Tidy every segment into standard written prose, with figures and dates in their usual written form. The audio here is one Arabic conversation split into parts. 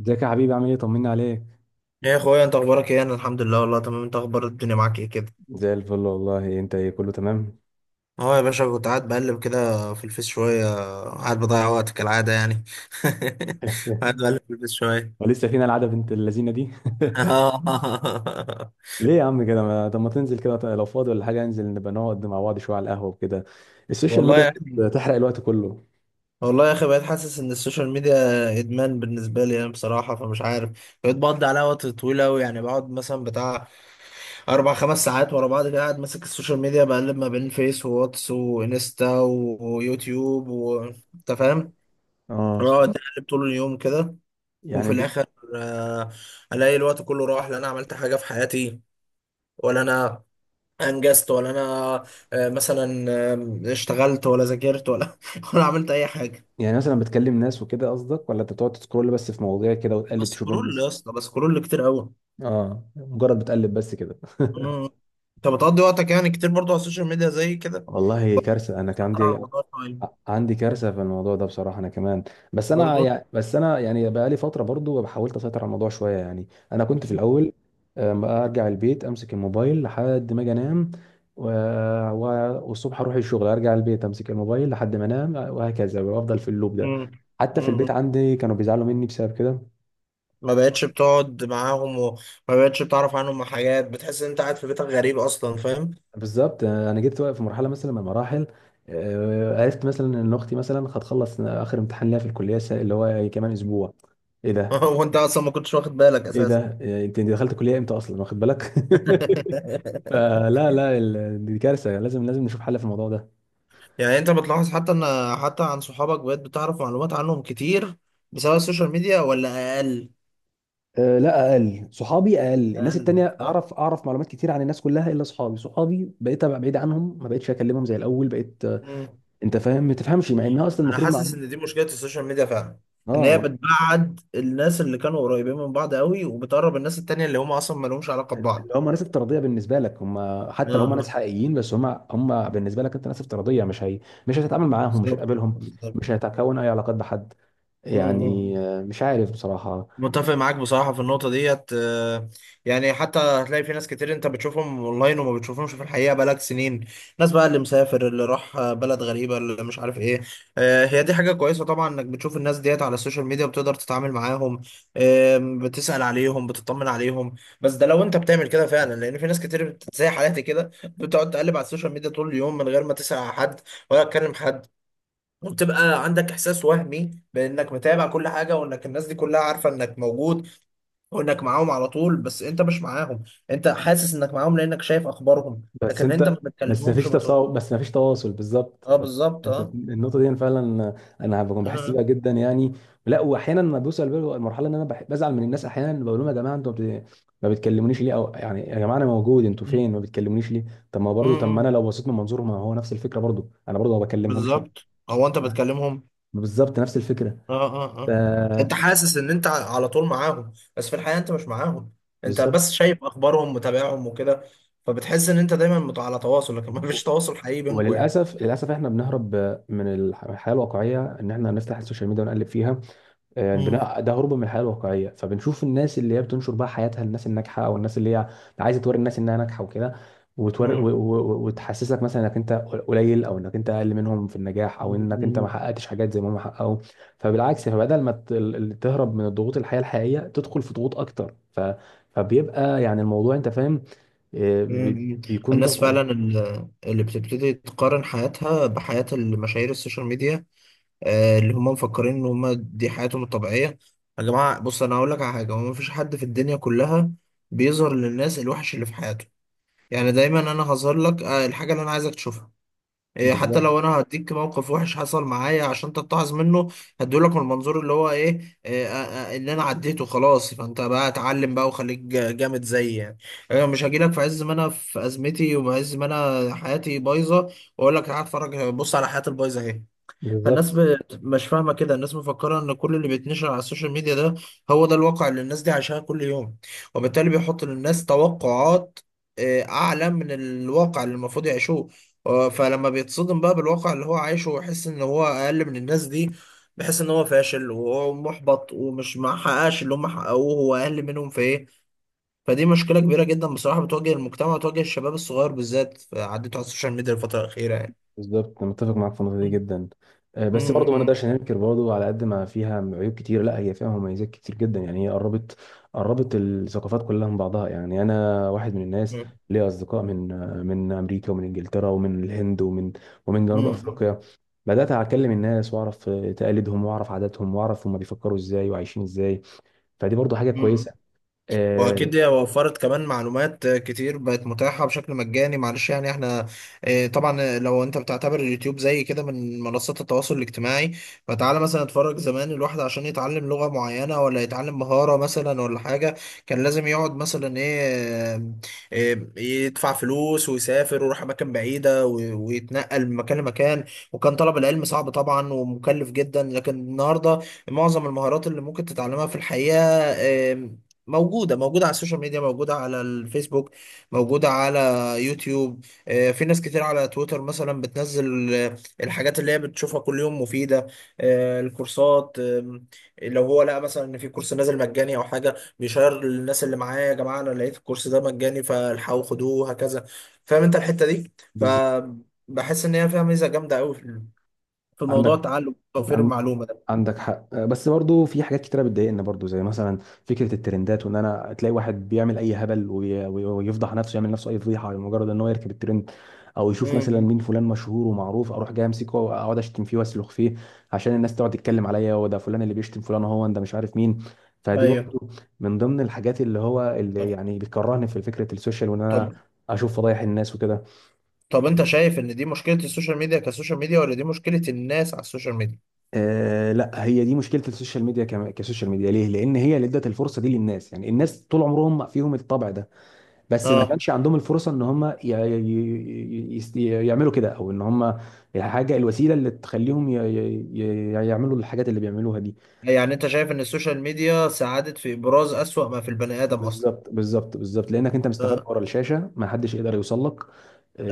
ازيك يا حبيبي؟ عامل ايه؟ طمنا عليك. يا اخويا، انت اخبارك ايه؟ انا الحمد لله والله تمام. انت اخبار الدنيا معاك ايه كده؟ زي الفل والله. انت ايه؟ كله تمام؟ اه، يا باشا، كنت قاعد بقلب كده في الفيس شويه. قاعد بضيع وقت كالعاده يعني. قاعد بقلب في الفيس شويه. ولسه فينا العاده بنت اللذينه دي؟ ليه يا عم كده؟ ما طب ما تنزل كده لو فاضي ولا حاجه، انزل نبقى نقعد مع بعض شويه على القهوه وكده. السوشيال والله ميديا يا اخي. بتحرق الوقت كله. والله يا اخي، بقيت حاسس ان السوشيال ميديا ادمان بالنسبه لي. انا بصراحه فمش عارف. بقيت بقضي عليها وقت طويل قوي، يعني بقعد مثلا بتاع 4-5 ساعات ورا بعض كده، قاعد ماسك السوشيال ميديا، بقلب ما بين فيس وواتس وانستا ويوتيوب و انت فاهم؟ اه. اه، اتقلب طول اليوم كده. يعني وفي ب... الاخر، آه الاقي الوقت كله راح. لا انا عملت حاجه في حياتي، ولا انا انجزت، ولا انا آه مثلا آه اشتغلت، ولا ذاكرت، ولا ولا عملت اي حاجه. يعني مثلا بتكلم ناس وكده قصدك، ولا انت بتقعد تسكرول بس في مواضيع كده وتقلب تشوف بسكرول يا الناس؟ اسطى، بسكرول كتير قوي. اه، مجرد بتقلب بس كده. مم. انت بتقضي وقتك يعني كتير برضو على السوشيال ميديا زي كده؟ والله كارثه، انا كان بتسيطر على الموضوع شويه؟ عندي كارثه في الموضوع ده بصراحه. انا كمان برضو. بس انا يعني بقى لي فتره برضو، حاولت اسيطر على الموضوع شويه. يعني انا كنت في الاول، ارجع البيت، امسك الموبايل لحد ما اجي انام، و- والصبح اروح الشغل، ارجع البيت، امسك الموبايل لحد ما انام، وهكذا، وافضل في اللوب ده. مم. حتى في البيت مم. عندي كانوا بيزعلوا مني بسبب كده. ما بقتش بتقعد معاهم، وما بقتش بتعرف عنهم حاجات، بتحس ان انت قاعد في بيتك غريب اصلا، فاهم؟ بالظبط. انا جيت في مرحله مثلا من المراحل، عرفت مثلا ان اختي مثلا هتخلص اخر امتحان ليها في اللي هو كمان اسبوع. ايه ده؟ هو انت اصلا ما كنتش واخد بالك ايه اساسا؟ ده انت دخلت كليه امتى اصلا واخد بالك؟ آه لا لا ال- دي كارثه، لازم نشوف حل في الموضوع ده. يعني انت بتلاحظ حتى عن صحابك بقيت بتعرف معلومات عنهم كتير بسبب السوشيال ميديا، ولا اقل؟ آه، لا، اقل صحابي، اقل الناس اقل، التانية. صح. اعرف معلومات كتير عن الناس كلها الا صحابي. بقيت ابقى بعيد عنهم، ما بقتش اكلمهم زي الاول، بقيت آه، مم. انت فاهم ما تفهمش، مع انها اصلا انا المفروض مع. حاسس ان دي مشكلة السوشيال ميديا فعلا، ان هي اه. بتبعد الناس اللي كانوا قريبين من بعض قوي، وبتقرب الناس التانية اللي هم اصلا ما لهمش علاقة ببعض. اللي هم ناس افتراضيه بالنسبه لك، اه، حتى لو هم ناس اه، حقيقيين، بس هم بالنسبه لك انت ناس افتراضيه، مش هي. مش هتتعامل معاهم، مش بالظبط، هتقابلهم، مش بالظبط. هتكون اي علاقات بحد. مم، يعني مم. مش عارف بصراحه. متفق معاك بصراحة في النقطة ديت. يعني حتى هتلاقي في ناس كتير انت بتشوفهم اونلاين، وما بتشوفهمش في الحقيقة بقالك سنين. ناس بقى اللي مسافر اللي راح بلد غريبة، اللي مش عارف ايه. هي دي حاجة كويسة طبعا، انك بتشوف الناس ديت على السوشيال ميديا، بتقدر تتعامل معاهم. بتسأل عليهم، بتطمن عليهم. بس ده لو انت بتعمل كده فعلا، لان في ناس كتير زي حالاتي كده، بتقعد تقلب على السوشيال ميديا طول اليوم، من غير ما تسأل على حد، ولا تكلم حد. وبتبقى عندك احساس وهمي بانك متابع كل حاجه، وانك الناس دي كلها عارفه انك موجود، وانك معاهم على طول، بس انت مش معاهم. انت حاسس انك معاهم لانك شايف اخبارهم، بس لكن انت ما انت بس بتكلمهمش، مفيش وبتقول. تصاو بس مفيش تواصل، بالظبط. اه، بالظبط، انت اه، النقطه دي انا فعلا انا بكون بحس اه. بيها جدا يعني. لا، واحيانا ما بوصل بال- المرحله ان انا بزعل من الناس احيانا، بقول لهم يا جماعه ما بتكلمونيش ليه؟ او يعني يا جماعه انا موجود، انتوا مم. فين؟ ما بتكلمونيش ليه؟ طب ما انا مم. لو بصيت من منظور، ما هو نفس الفكره، برضه انا برضه ما بكلمهمش. بالظبط، هو انت بتكلمهم. بالظبط نفس الفكره. اه، اه، ف اه. انت حاسس ان انت على طول معاهم، بس في الحقيقة انت مش معاهم. انت بالظبط. بس شايف اخبارهم، متابعهم وكده. فبتحس ان انت دايما على تواصل، لكن ما فيش تواصل حقيقي بينكم يعني. وللاسف، للاسف احنا بنهرب الحياه الواقعيه، ان احنا نفتح السوشيال ميديا ونقلب فيها. يعني مم. البناء ده هروب من الحياه الواقعيه، فبنشوف الناس اللي هي بتنشر بقى حياتها للناس، الناجحه، او الناس اللي هي عايزه توري الناس انها ناجحه وكده. وتحسسك مثلا انك انت قليل، او انك انت اقل منهم في النجاح، او انك انت مم. ما حققتش حاجات زي ما هم حققوا. فبالعكس، فبدل ما تهرب من الضغوط الحياه الحقيقيه، تدخل في ضغوط اكتر. فبيبقى يعني الموضوع، انت فاهم، مم. بيكون الناس ضغط فعلا عليك. اللي بتبتدي تقارن حياتها بحياة المشاهير السوشيال ميديا، اللي هم مفكرين ان هم دي حياتهم الطبيعية. يا جماعة، بص انا هقول لك على حاجة، هو مفيش حد في الدنيا كلها بيظهر للناس الوحش اللي في حياته. يعني دايما انا هظهر لك الحاجة اللي انا عايزك تشوفها. حتى بالظبط لو انا هديك موقف وحش حصل معايا عشان تتعظ منه، هديهولك من المنظور اللي هو ايه, إيه آه، آه، اللي انا عديته خلاص. فانت بقى اتعلم بقى وخليك جامد زيي يعني. انا مش هجيلك في عز ما انا في ازمتي، وعز ما انا حياتي بايظه، واقول لك تعالى اتفرج، بص على حياتي البايظه اهي. فالناس بالظبط مش فاهمة كده، الناس مفكرة ان كل اللي بيتنشر على السوشيال ميديا ده، هو ده الواقع اللي الناس دي عايشاه كل يوم. وبالتالي بيحط للناس توقعات اعلى من الواقع اللي المفروض يعيشوه. فلما بيتصدم بقى بالواقع اللي هو عايشه ويحس ان هو اقل من الناس دي، بيحس ان هو فاشل، وهو محبط، ومش محققش اللي هم حققوه، هو اقل منهم في ايه. فدي مشكلة كبيرة جدا بصراحة، بتواجه المجتمع وتواجه الشباب الصغير بالذات، عدته على السوشيال ميديا الفترة الأخيرة يعني. بالظبط. أنا متفق معاك في النقطه دي جدا. م- بس برضه ما م- نقدرش ننكر برضه، على قد ما فيها عيوب كتير، لا هي فيها مميزات كتير جدا. يعني هي قربت الثقافات كلها من بعضها. يعني انا واحد من الناس م- ليا اصدقاء من من امريكا، ومن انجلترا، ومن الهند، ومن م- جنوب م- افريقيا. بدات اكلم الناس واعرف تقاليدهم، واعرف عاداتهم، واعرف هم بيفكروا ازاي وعايشين ازاي. فدي برضه حاجه كويسه. مم. آه، واكيد هي وفرت كمان معلومات كتير بقت متاحه بشكل مجاني، معلش يعني احنا، طبعا لو انت بتعتبر اليوتيوب زي كده من منصات التواصل الاجتماعي، فتعالى مثلا اتفرج زمان، الواحد عشان يتعلم لغه معينه ولا يتعلم مهاره مثلا ولا حاجه، كان لازم يقعد مثلا ايه آه، آه، يدفع فلوس، ويسافر، ويروح اماكن بعيده، ويتنقل من مكان لمكان. وكان طلب العلم صعب طبعا ومكلف جدا، لكن النهارده معظم المهارات اللي ممكن تتعلمها في الحقيقه، موجودة على السوشيال ميديا، موجودة على الفيسبوك، موجودة على يوتيوب. في ناس كتير على تويتر مثلا بتنزل، الحاجات اللي هي بتشوفها كل يوم مفيدة. الكورسات. لو هو لقى مثلا ان في كورس نازل مجاني او حاجة، بيشير للناس اللي معاه: يا جماعة، انا لقيت الكورس ده مجاني، فالحقوا خدوه، وهكذا. فاهم انت الحتة دي؟ بالظبط. فبحس ان هي فيها ميزة جامدة قوي في موضوع عندك التعلم وتوفير عن- المعلومة ده. عندك حق. بس برضو في حاجات كتيرة بتضايقنا برضو، زي مثلا فكرة الترندات، وان انا تلاقي واحد بيعمل اي هبل ويفضح نفسه، يعمل نفسه اي فضيحة لمجرد ان هو يركب الترند، او يشوف مثلا مم. مين فلان مشهور ومعروف، اروح جاي امسكه واقعد اشتم فيه واسلخ فيه، عشان الناس تقعد تتكلم عليا هو ده فلان اللي بيشتم فلان، هو ده مش عارف مين. فدي ايوه. برضو من ضمن الحاجات اللي هو اللي يعني بتكرهني في فكرة السوشيال، وان انا طب، اشوف فضايح الناس وكده. طب انت شايف ان دي مشكلة السوشيال ميديا كسوشيال ميديا، ولا دي مشكلة الناس على السوشيال ميديا؟ آه، لا، هي دي مشكله السوشيال ميديا كسوشيال ميديا. ليه؟ لان هي اللي ادت الفرصه دي للناس. يعني الناس طول عمرهم فيهم الطبع ده، بس ما اه. كانش عندهم الفرصه ان هم يعملوا كده، او ان هم الوسيله اللي تخليهم يعملوا الحاجات اللي بيعملوها دي. يعني انت شايف ان السوشيال ميديا ساعدت في ابراز اسوأ ما في البني ادم اصلا؟ بالظبط بالظبط، لانك انت مستخبي اه، ورا الشاشه، ما حدش يقدر يوصل لك.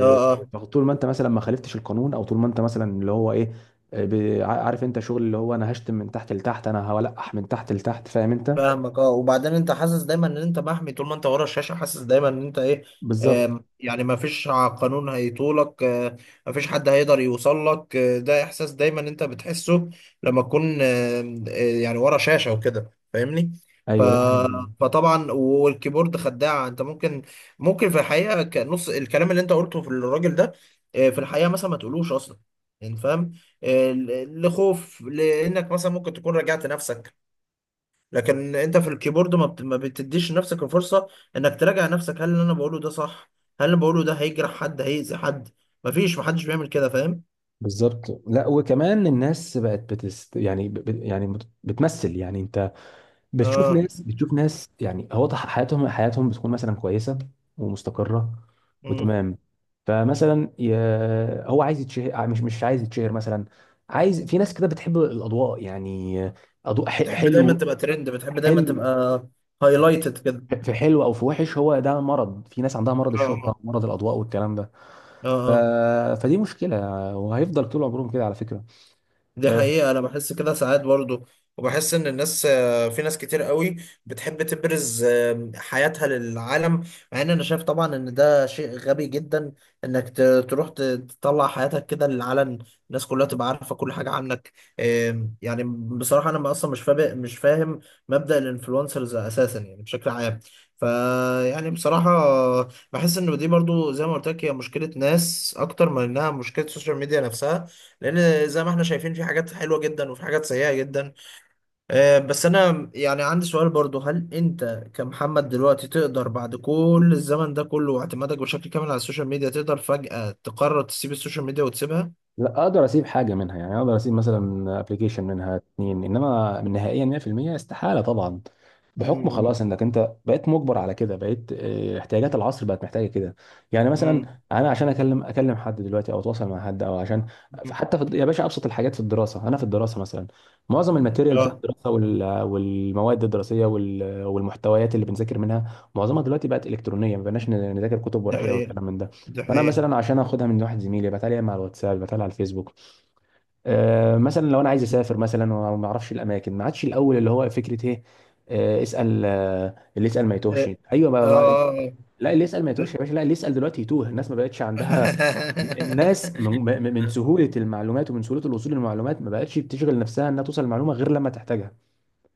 اه، اه، فطول ما انت مثلا ما خالفتش القانون، او طول ما انت مثلا اللي هو ايه، عارف انت شغل اللي هو انا هشتم من تحت لتحت، انا هولقح من تحت لتحت، فاهم انت. فاهمك. اه، وبعدين انت حاسس دايما ان انت محمي طول ما انت ورا الشاشة، حاسس دايما ان انت ايه؟ بالظبط. يعني ما فيش قانون هيطولك، ما فيش حد هيقدر يوصل لك، ده احساس دايما انت بتحسه لما تكون آم، آه، يعني ورا شاشة وكده. فاهمني؟ ف ايوه، ده حقيقي فعلا. فطبعا، والكيبورد خداعة، انت ممكن في الحقيقة نص الكلام اللي انت قلته في الراجل ده، في الحقيقة مثلا ما تقولوش اصلا، يعني فاهم؟ لخوف، لانك مثلا ممكن تكون راجعت نفسك، لكن انت في الكيبورد ما بتديش لنفسك الفرصة انك تراجع نفسك، هل اللي انا بقوله ده صح؟ هل اللي بقوله ده هيجرح حد، هيأذي حد؟ مفيش محدش بيعمل كده، فاهم؟ بالظبط، لا وكمان الناس بقت بتست، يعني بتمثل. يعني انت بتشوف اه. ناس يعني هو حياتهم، بتكون مثلا كويسه، ومستقره، مم. وتمام. فمثلا هو عايز يتشهر، مش عايز يتشهر مثلا، عايز، في ناس كده بتحب الاضواء يعني. اضواء تحب دايما حلو، تبقى ترند، بتحب دايما حلو، تبقى هايلايتد كده. في حلو او في وحش. هو ده مرض، في ناس عندها مرض اه، الشهره، مرض الاضواء والكلام ده. اه، ف... اه، فدي مشكله، وهيفضل طول عمرهم كده على فكره. دي آه، مم. حقيقة، أنا بحس كده ساعات برضو. وبحس إن الناس في ناس كتير قوي بتحب تبرز حياتها للعالم، مع إن أنا شايف طبعا إن ده شيء غبي جدا، إنك تروح تطلع حياتك كده للعلن، الناس كلها تبقى عارفة كل حاجة عنك. يعني بصراحة أنا أصلا مش فاهم، مش فاهم مبدأ الإنفلونسرز أساسا، يعني بشكل عام. فيعني بصراحة، بحس إن دي برضو زي ما قلت لك، هي مشكلة ناس أكتر من إنها مشكلة السوشيال ميديا نفسها، لان زي ما احنا شايفين في حاجات حلوه جدا وفي حاجات سيئه جدا. بس انا يعني عندي سؤال برضو: هل انت كمحمد دلوقتي تقدر، بعد كل الزمن ده كله واعتمادك بشكل كامل على السوشيال ميديا، تقدر فجأة تقرر تسيب السوشيال ميديا وتسيبها؟ لا، اقدر اسيب حاجه منها. يعني اقدر اسيب مثلا ابلكيشن منها اتنين، انما نهائيا 100% استحاله طبعا. بحكم امم خلاص انك انت بقيت مجبر على كده، بقيت آه، احتياجات العصر بقت محتاجه كده. يعني مثلا امم انا عشان اكلم حد دلوقتي، او اتواصل مع حد، او عشان حتى في يا باشا ابسط الحاجات في الدراسه، انا في الدراسه مثلا معظم الماتيريال بتاع اه، الدراسه والمواد الدراسيه والمحتويات اللي بنذاكر منها، معظمها دلوقتي بقت الكترونيه، ما بقناش نذاكر كتب دي ورقيه حقيقة، والكلام من ده. دي فانا حقيقة. مثلا عشان اخدها من واحد زميلي، بتعالى مع الواتساب، بتعالى على الفيسبوك. آه، مثلا لو انا عايز مم. اسافر مثلا وما اعرفش الاماكن، ما عادش الاول اللي هو فكره ايه، اسال، اللي يسال ما يتوهش. ايوه، اه، آه. لا، اللي يسال ما يتوهش يا باشا، لا، اللي يسال دلوقتي يتوه. الناس ما بقتش عندها، الناس من من من سهوله المعلومات ومن سهوله الوصول للمعلومات، ما بقتش بتشغل نفسها انها توصل المعلومه غير لما تحتاجها.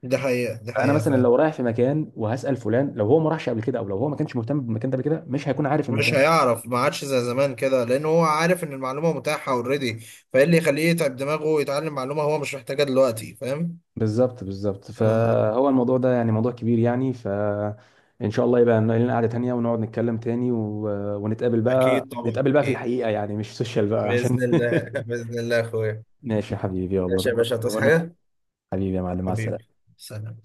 دي حقيقة، دي فانا حقيقة مثلا فعلا. لو رايح في مكان وهسال فلان، لو هو ما راحش قبل كده، او لو هو ما كانش مهتم بالمكان ده قبل كده، مش هيكون عارف مش المكان. هيعرف، ما عادش زي زمان كده، لان هو عارف ان المعلومه متاحه اوريدي. فايه اللي يخليه يتعب دماغه ويتعلم معلومه هو مش محتاجها دلوقتي، فاهم؟ بالظبط، بالظبط. اه، فهو الموضوع ده يعني موضوع كبير يعني. فإن شاء الله يبقى لنا قعدة تانية ونقعد نتكلم تاني ونتقابل بقى، اكيد طبعا نتقابل بقى في اكيد. الحقيقة يعني، مش سوشيال بقى عشان. باذن الله، باذن الله يا اخويا. ماشي يا حبيبي، والله ماشي يا تمام، باشا، تصحى تمام يا حبيبي. حاجه؟ حبيبي يا معلم، مع حبيبي. السلامة. سلام.